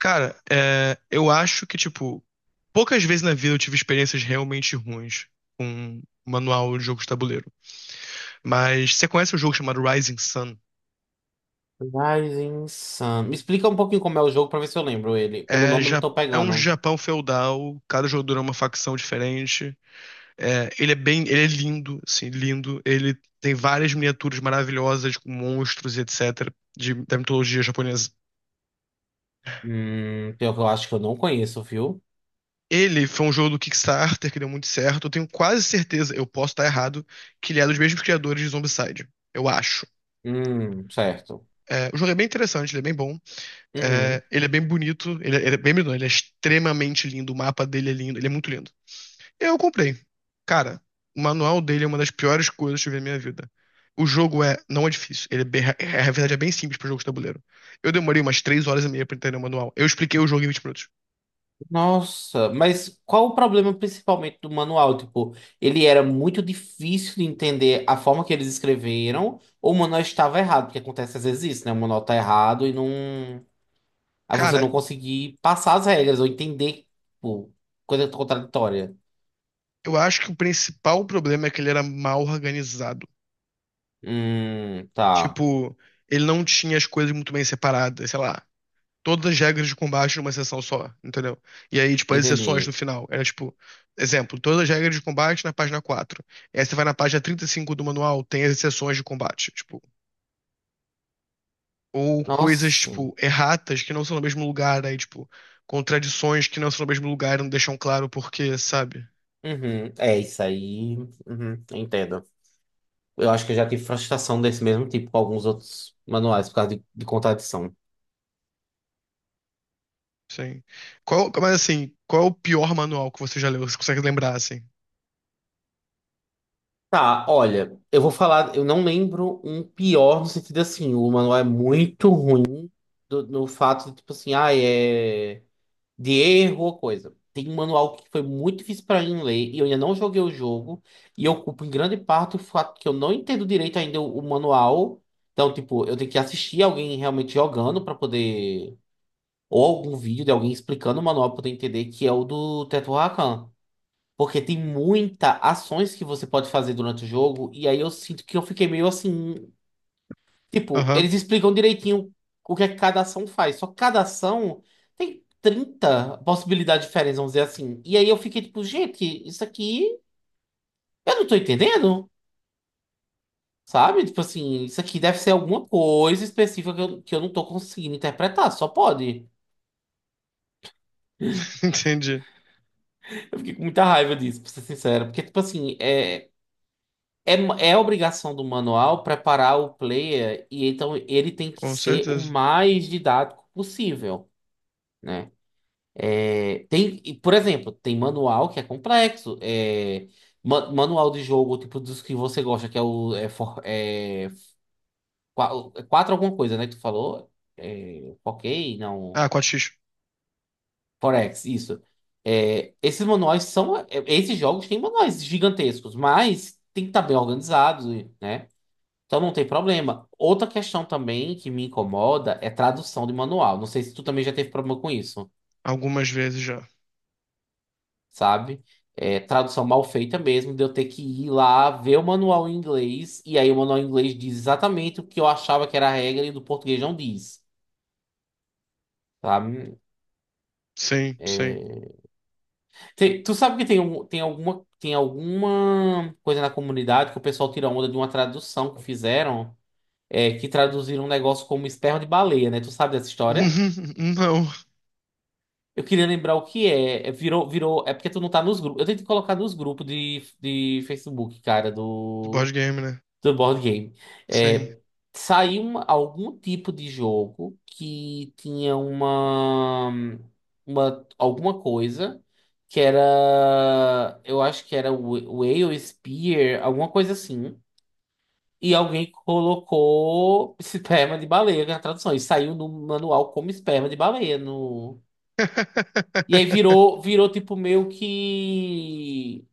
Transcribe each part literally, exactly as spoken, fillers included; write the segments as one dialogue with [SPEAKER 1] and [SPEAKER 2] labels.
[SPEAKER 1] Cara, é, eu acho que, tipo, poucas vezes na vida eu tive experiências realmente ruins com um manual de jogo de tabuleiro. Mas você conhece um jogo chamado Rising Sun?
[SPEAKER 2] Rising Sun. Me explica um pouquinho como é o jogo pra ver se eu lembro ele. Pelo
[SPEAKER 1] É,
[SPEAKER 2] nome eu não
[SPEAKER 1] ja-
[SPEAKER 2] tô
[SPEAKER 1] É um
[SPEAKER 2] pegando.
[SPEAKER 1] Japão feudal, cada jogador é uma facção diferente. É, ele é bem, ele é lindo, assim, lindo. Ele tem várias miniaturas maravilhosas com monstros e etcétera de- da mitologia japonesa.
[SPEAKER 2] Hum, pior que eu acho que eu não conheço, viu?
[SPEAKER 1] Ele foi um jogo do Kickstarter que deu muito certo. Eu tenho quase certeza, eu posso estar errado, que ele é dos mesmos criadores de Zombicide. Eu acho.
[SPEAKER 2] Hum, certo.
[SPEAKER 1] É, o jogo é bem interessante, ele é bem bom. É,
[SPEAKER 2] Uhum.
[SPEAKER 1] ele é bem bonito. Ele, é- ele é bem bonito, não, ele é extremamente lindo. O mapa dele é lindo, ele é muito lindo. Eu comprei. Cara, o manual dele é uma das piores coisas que eu vi na minha vida. O jogo é, não é difícil. Ele é bem, é- a verdade é bem simples para jogo de tabuleiro. Eu demorei umas três horas e meia pra entender o manual. Eu expliquei o jogo em vinte minutos.
[SPEAKER 2] Nossa, mas qual o problema principalmente do manual? Tipo, ele era muito difícil de entender a forma que eles escreveram, ou o manual estava errado, porque acontece às vezes isso, né? O manual tá errado e não. Aí você
[SPEAKER 1] Cara,
[SPEAKER 2] não conseguir passar as regras ou entender, tipo, coisa contraditória.
[SPEAKER 1] eu acho que o principal problema é que ele era mal organizado.
[SPEAKER 2] Hum, tá.
[SPEAKER 1] Tipo, ele não tinha as coisas muito bem separadas, sei lá. Todas as regras de combate numa sessão só, entendeu? E aí, tipo, as exceções no
[SPEAKER 2] Entendi.
[SPEAKER 1] final. Era tipo, exemplo, todas as regras de combate na página quatro. E aí você vai na página trinta e cinco do manual, tem as exceções de combate, tipo, ou coisas,
[SPEAKER 2] Nossa.
[SPEAKER 1] tipo, erratas que não são no mesmo lugar, aí, tipo, contradições que não são no mesmo lugar e não deixam claro o porquê, sabe?
[SPEAKER 2] Uhum. É isso aí. Uhum. Entendo. Eu acho que eu já tive frustração desse mesmo tipo com alguns outros manuais por causa de, de contradição.
[SPEAKER 1] Sim. Qual, mas assim, qual é o pior manual que você já leu? Você consegue lembrar, assim?
[SPEAKER 2] Tá, olha, eu vou falar, eu não lembro um pior no sentido assim, o manual é muito ruim do- no fato de, tipo assim, ah, é. de erro ou coisa. Tem um manual que foi muito difícil para mim ler e eu ainda não joguei o jogo. E eu culpo em grande parte o fato que eu não entendo direito ainda o, o manual. Então, tipo, eu tenho que assistir alguém realmente jogando para poder. Ou algum vídeo de alguém explicando o manual para poder entender que é o do Teto Rakan. Porque tem muita ações que você pode fazer durante o jogo. E aí eu sinto que eu fiquei meio assim. Tipo,
[SPEAKER 1] Aham,
[SPEAKER 2] eles explicam direitinho o que é que cada ação faz. Só que cada ação tem trinta possibilidades diferentes, vamos dizer assim. E aí eu fiquei tipo, gente, isso aqui eu não tô entendendo, sabe? Tipo assim, isso aqui deve ser alguma coisa específica que eu, que eu não tô conseguindo interpretar, só pode.
[SPEAKER 1] entendi.
[SPEAKER 2] Eu fiquei com muita raiva disso, pra ser sincero. Porque, tipo assim, é, é, é obrigação do manual preparar o player e então ele tem que
[SPEAKER 1] Com
[SPEAKER 2] ser o
[SPEAKER 1] certeza.
[SPEAKER 2] mais didático possível. Né? É, tem, e, por exemplo, tem manual que é complexo. É, ma- manual de jogo, tipo, dos que você gosta, que é o. É, for- é, qua- É quatro alguma coisa, né? Que tu falou. É, ok, não.
[SPEAKER 1] Ah, quatro x.
[SPEAKER 2] Forex, isso. É, esses manuais são. é, Esses jogos têm manuais gigantescos, mas tem que estar bem organizados, né? Então não tem problema. Outra questão também que me incomoda é tradução de manual. Não sei se tu também já teve problema com isso.
[SPEAKER 1] Algumas vezes já.
[SPEAKER 2] Sabe? É, tradução mal feita mesmo, de eu ter que ir lá ver o manual em inglês, e aí o manual em inglês diz exatamente o que eu achava que era a regra e do português não diz, sabe?
[SPEAKER 1] Sim, sim.
[SPEAKER 2] É, tem- tu sabe que tem, um- tem alguma, tem alguma coisa na comunidade que o pessoal tira onda de uma tradução que fizeram, é, que traduziram um negócio como esperma de baleia, né? Tu sabe dessa história?
[SPEAKER 1] Uhum, não,
[SPEAKER 2] Eu queria lembrar o que é. É, Virou, virou. É porque tu não tá nos grupos. Eu tentei colocar nos grupos de, de Facebook, cara,
[SPEAKER 1] de board
[SPEAKER 2] do.
[SPEAKER 1] game, né?
[SPEAKER 2] Do board game.
[SPEAKER 1] Sim.
[SPEAKER 2] É, saiu uma- algum tipo de jogo que tinha uma, uma alguma coisa que era, eu acho que era o Whale Spear, alguma coisa assim. E alguém colocou esperma de baleia na tradução. E saiu no manual como esperma de baleia no e aí virou, virou tipo meio que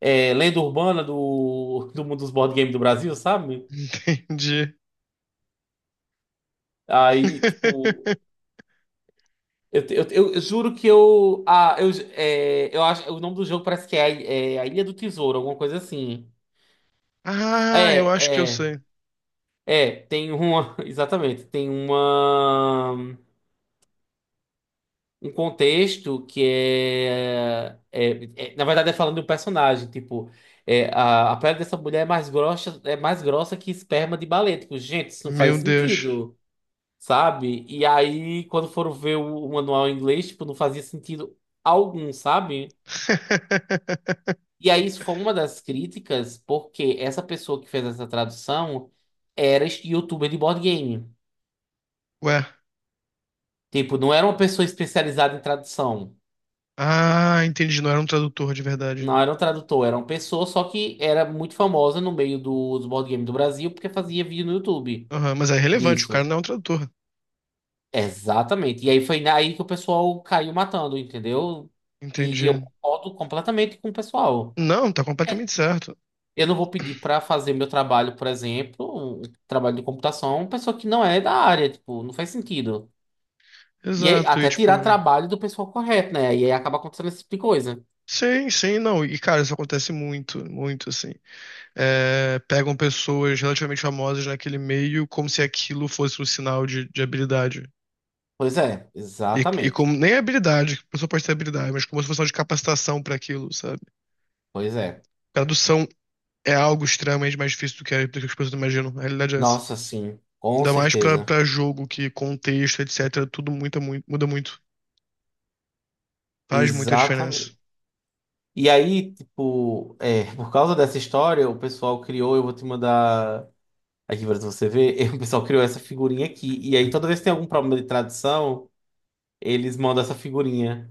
[SPEAKER 2] é, lenda urbana do, do mundo dos board games do Brasil, sabe?
[SPEAKER 1] Entendi.
[SPEAKER 2] Aí, tipo, Eu, eu, eu- eu juro que eu. Ah, eu, é, eu acho. O nome do jogo parece que é, a é a Ilha do Tesouro, alguma coisa assim.
[SPEAKER 1] Ah, eu acho que eu
[SPEAKER 2] É, é.
[SPEAKER 1] sei.
[SPEAKER 2] É, tem uma. Exatamente. Tem uma. Um contexto que é, é, é- na verdade, é falando de um personagem. Tipo, é, a, a pele dessa mulher é mais grossa, é mais grossa que esperma de baleia. Tipo, gente, isso não faz
[SPEAKER 1] Meu Deus.
[SPEAKER 2] sentido, sabe? E aí, quando foram ver o, o manual em inglês, tipo, não fazia sentido algum, sabe? E aí, isso foi uma das críticas, porque essa pessoa que fez essa tradução era este youtuber de board game.
[SPEAKER 1] Ué.
[SPEAKER 2] Tipo, não era uma pessoa especializada em tradução.
[SPEAKER 1] Ah, entendi. Não era um tradutor de verdade, né?
[SPEAKER 2] Não era um tradutor, era uma pessoa só que era muito famosa no meio do- dos board game do Brasil, porque fazia vídeo no YouTube
[SPEAKER 1] Aham, mas é relevante, o cara
[SPEAKER 2] disso.
[SPEAKER 1] não é um tradutor.
[SPEAKER 2] Exatamente. E aí foi aí que o pessoal caiu matando, entendeu? E, e eu
[SPEAKER 1] Entendi.
[SPEAKER 2] concordo completamente com o pessoal.
[SPEAKER 1] Não, tá completamente certo.
[SPEAKER 2] Eu não vou pedir para fazer meu trabalho, por exemplo, um trabalho de computação, uma pessoa que não é da área, tipo, não faz sentido. E aí,
[SPEAKER 1] Exato, e
[SPEAKER 2] até tirar
[SPEAKER 1] tipo.
[SPEAKER 2] trabalho do pessoal correto, né? E aí acaba acontecendo esse tipo de coisa.
[SPEAKER 1] Sim, sim, não. E cara, isso acontece muito, muito assim. É, pegam pessoas relativamente famosas naquele meio como se aquilo fosse um sinal de, de habilidade.
[SPEAKER 2] Pois é,
[SPEAKER 1] E, e
[SPEAKER 2] exatamente.
[SPEAKER 1] como nem é habilidade, que a pessoa pode ter habilidade, mas como se fosse um sinal de capacitação para aquilo, sabe?
[SPEAKER 2] Pois é.
[SPEAKER 1] Tradução é algo extremamente mais difícil do que, a- do que as pessoas imaginam. A realidade é essa.
[SPEAKER 2] Nossa, sim, com
[SPEAKER 1] Ainda mais pra
[SPEAKER 2] certeza.
[SPEAKER 1] pra jogo, que contexto, etcétera. Tudo muita, mui- muda muito. Faz muita diferença.
[SPEAKER 2] Exatamente. E aí, tipo, é, por causa dessa história, o pessoal criou, eu vou te mandar aqui para você ver, o pessoal criou essa figurinha aqui. E aí, toda vez que tem algum problema de tradução, eles mandam essa figurinha.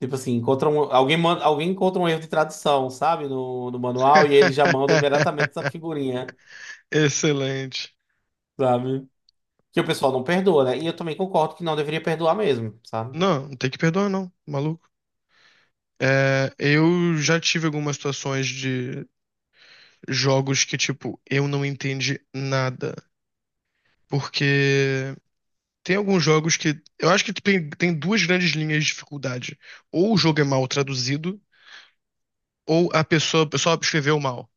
[SPEAKER 2] Tipo assim, encontram, um, alguém, manda, alguém encontra um erro de tradução, sabe? No, no manual, e eles já mandam imediatamente essa figurinha,
[SPEAKER 1] Excelente.
[SPEAKER 2] sabe? Que o pessoal não perdoa, né? E eu também concordo que não deveria perdoar mesmo, sabe?
[SPEAKER 1] Não, não tem que perdoar, não, maluco. É, eu já tive algumas situações de jogos que, tipo, eu não entendi nada. Porque tem alguns jogos que. Eu acho que tem, tem duas grandes linhas de dificuldade. Ou o jogo é mal traduzido, ou a pessoa, o pessoal escreveu mal.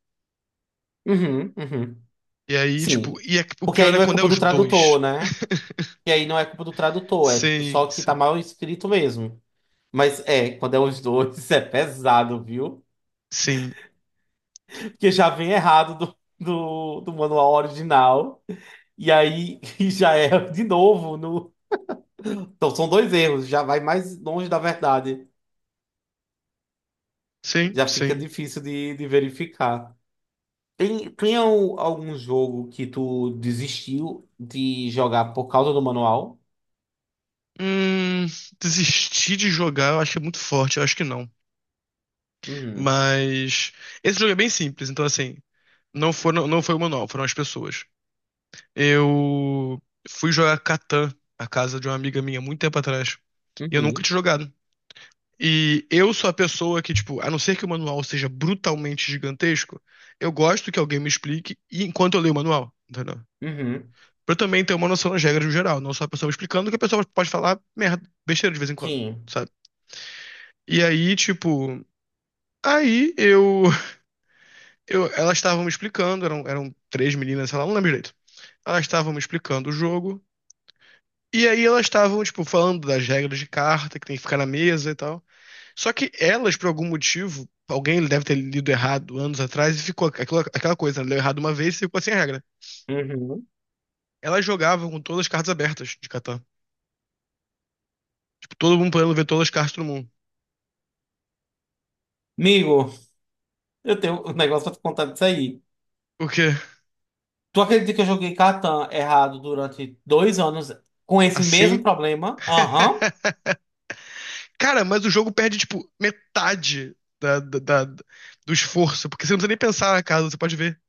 [SPEAKER 2] Uhum, uhum.
[SPEAKER 1] E aí, tipo,
[SPEAKER 2] Sim.
[SPEAKER 1] e é- o
[SPEAKER 2] Porque
[SPEAKER 1] pior
[SPEAKER 2] aí
[SPEAKER 1] é
[SPEAKER 2] não é
[SPEAKER 1] quando é
[SPEAKER 2] culpa do
[SPEAKER 1] os dois.
[SPEAKER 2] tradutor, né? E aí não é culpa do tradutor, é tipo
[SPEAKER 1] Sim,
[SPEAKER 2] só que tá
[SPEAKER 1] sim,
[SPEAKER 2] mal escrito mesmo. Mas é, quando é os dois, é pesado, viu?
[SPEAKER 1] sim,
[SPEAKER 2] Porque já vem errado do, do, do manual original. E aí e já é de novo. No... Então são dois erros, já vai mais longe da verdade.
[SPEAKER 1] sim,
[SPEAKER 2] Já fica
[SPEAKER 1] sim.
[SPEAKER 2] difícil de, de verificar. Tem, tem al- algum jogo que tu desistiu de jogar por causa do manual?
[SPEAKER 1] Hum, desistir de jogar, eu acho que é muito forte, eu acho que não.
[SPEAKER 2] Uhum,
[SPEAKER 1] Mas esse jogo é bem simples, então assim, não foram, não foi o manual, foram as pessoas. Eu fui jogar Catan na casa de uma amiga minha muito tempo atrás. E eu nunca
[SPEAKER 2] uhum,
[SPEAKER 1] tinha jogado. E eu sou a pessoa que, tipo, a não ser que o manual seja brutalmente gigantesco, eu gosto que alguém me explique e- enquanto eu leio o manual, entendeu?
[SPEAKER 2] uhum,
[SPEAKER 1] Pra eu também ter uma noção das regras no geral, não só a pessoa me explicando, que a pessoa pode falar merda, besteira de vez em quando,
[SPEAKER 2] sim,
[SPEAKER 1] sabe? E aí, tipo, aí eu, eu elas estavam me explicando, eram, eram três meninas, sei lá, não lembro direito. Elas estavam me explicando o jogo. E aí elas estavam, tipo, falando das regras de carta, que tem que ficar na mesa e tal. Só que elas, por algum motivo, alguém deve ter lido errado anos atrás e ficou aquela, aquela coisa, né? Leu errado uma vez e ficou sem regra.
[SPEAKER 2] uhum.
[SPEAKER 1] Elas jogavam com todas as cartas abertas de Catan. Tipo, todo mundo podendo ver todas as cartas do mundo.
[SPEAKER 2] Amigo, eu tenho um negócio pra te contar disso aí.
[SPEAKER 1] Porque
[SPEAKER 2] Tu acredita que eu joguei Catan errado durante dois anos com esse mesmo
[SPEAKER 1] assim.
[SPEAKER 2] problema? Aham.
[SPEAKER 1] Cara, mas o jogo perde, tipo, metade da, da- da- do esforço, porque você não precisa nem pensar na casa, você pode ver.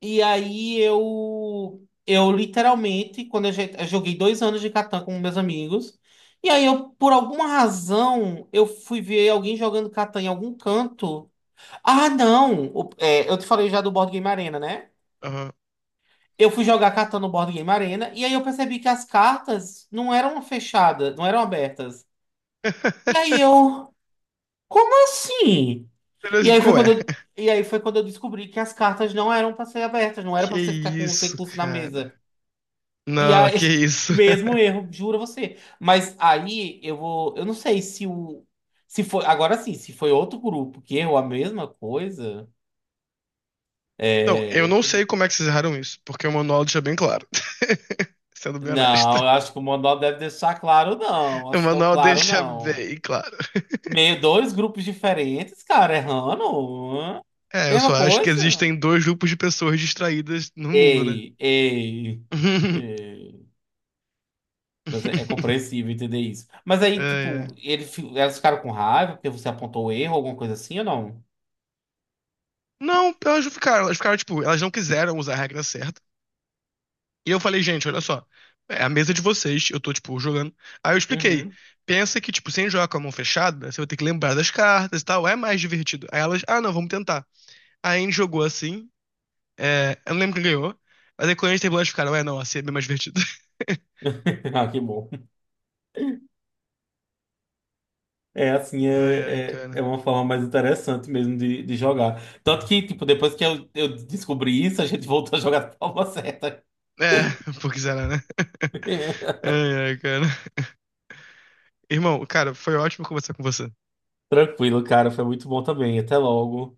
[SPEAKER 2] E aí eu, eu literalmente, quando eu, jo- eu joguei dois anos de Catan com meus amigos, e aí eu, por alguma razão, eu fui ver alguém jogando Catan em algum canto. Ah, não! O- é, eu te falei já do Board Game Arena, né?
[SPEAKER 1] Aham.
[SPEAKER 2] Eu fui jogar cartão no Board Game Arena e aí eu percebi que as cartas não eram fechadas, não eram abertas. E aí eu, como assim? E
[SPEAKER 1] Beleza,
[SPEAKER 2] aí
[SPEAKER 1] ficou,
[SPEAKER 2] foi
[SPEAKER 1] ué.
[SPEAKER 2] quando eu, e aí foi quando eu descobri que as cartas não eram para ser abertas, não era para
[SPEAKER 1] Que
[SPEAKER 2] você ficar com os
[SPEAKER 1] isso,
[SPEAKER 2] recursos na
[SPEAKER 1] cara.
[SPEAKER 2] mesa. E
[SPEAKER 1] Não,
[SPEAKER 2] aí,
[SPEAKER 1] que isso.
[SPEAKER 2] mesmo erro, juro a você. Mas aí eu vou, eu não sei se o, se foi, agora sim, se foi outro grupo que errou a mesma coisa.
[SPEAKER 1] Então, eu
[SPEAKER 2] É,
[SPEAKER 1] não sei como é que vocês erraram isso, porque o manual deixa bem claro. Sendo bem honesto.
[SPEAKER 2] Não, eu acho que o Monó deve deixar claro, não.
[SPEAKER 1] O
[SPEAKER 2] Assim, tão
[SPEAKER 1] manual
[SPEAKER 2] claro,
[SPEAKER 1] deixa
[SPEAKER 2] não.
[SPEAKER 1] bem claro.
[SPEAKER 2] Meio dois grupos diferentes, cara, errando. Hã?
[SPEAKER 1] É, eu só
[SPEAKER 2] Mesma
[SPEAKER 1] acho que
[SPEAKER 2] coisa.
[SPEAKER 1] existem dois grupos de pessoas distraídas no mundo, né?
[SPEAKER 2] Ei, ei, ei. Mas é, é compreensível entender isso. Mas aí,
[SPEAKER 1] É,
[SPEAKER 2] tipo,
[SPEAKER 1] é.
[SPEAKER 2] ele, fi- elas ficaram com raiva porque você apontou o erro, alguma coisa assim ou não?
[SPEAKER 1] Não, então elas não ficaram, elas ficaram, tipo, elas não quiseram usar a regra certa. E eu falei, gente, olha só, é a mesa de vocês, eu tô, tipo, jogando. Aí eu expliquei,
[SPEAKER 2] Uhum.
[SPEAKER 1] pensa que, tipo, sem jogar com a mão fechada, você vai ter que lembrar das cartas e tal, é mais divertido. Aí elas, ah, não, vamos tentar. Aí a gente jogou assim. É, eu não lembro quem ganhou, mas aí quando a gente terminou, eles ficaram, é, não, assim é bem mais divertido.
[SPEAKER 2] Ah, que bom. É assim,
[SPEAKER 1] Ai, ai,
[SPEAKER 2] é, é,
[SPEAKER 1] cara.
[SPEAKER 2] é uma forma mais interessante mesmo de, de jogar. Tanto que, tipo, depois que eu, eu descobri isso, a gente voltou a jogar da forma certa.
[SPEAKER 1] É, porque será, né? Ai, ai, cara. Irmão, cara, foi ótimo conversar com você.
[SPEAKER 2] Tranquilo, cara. Foi muito bom também. Até logo.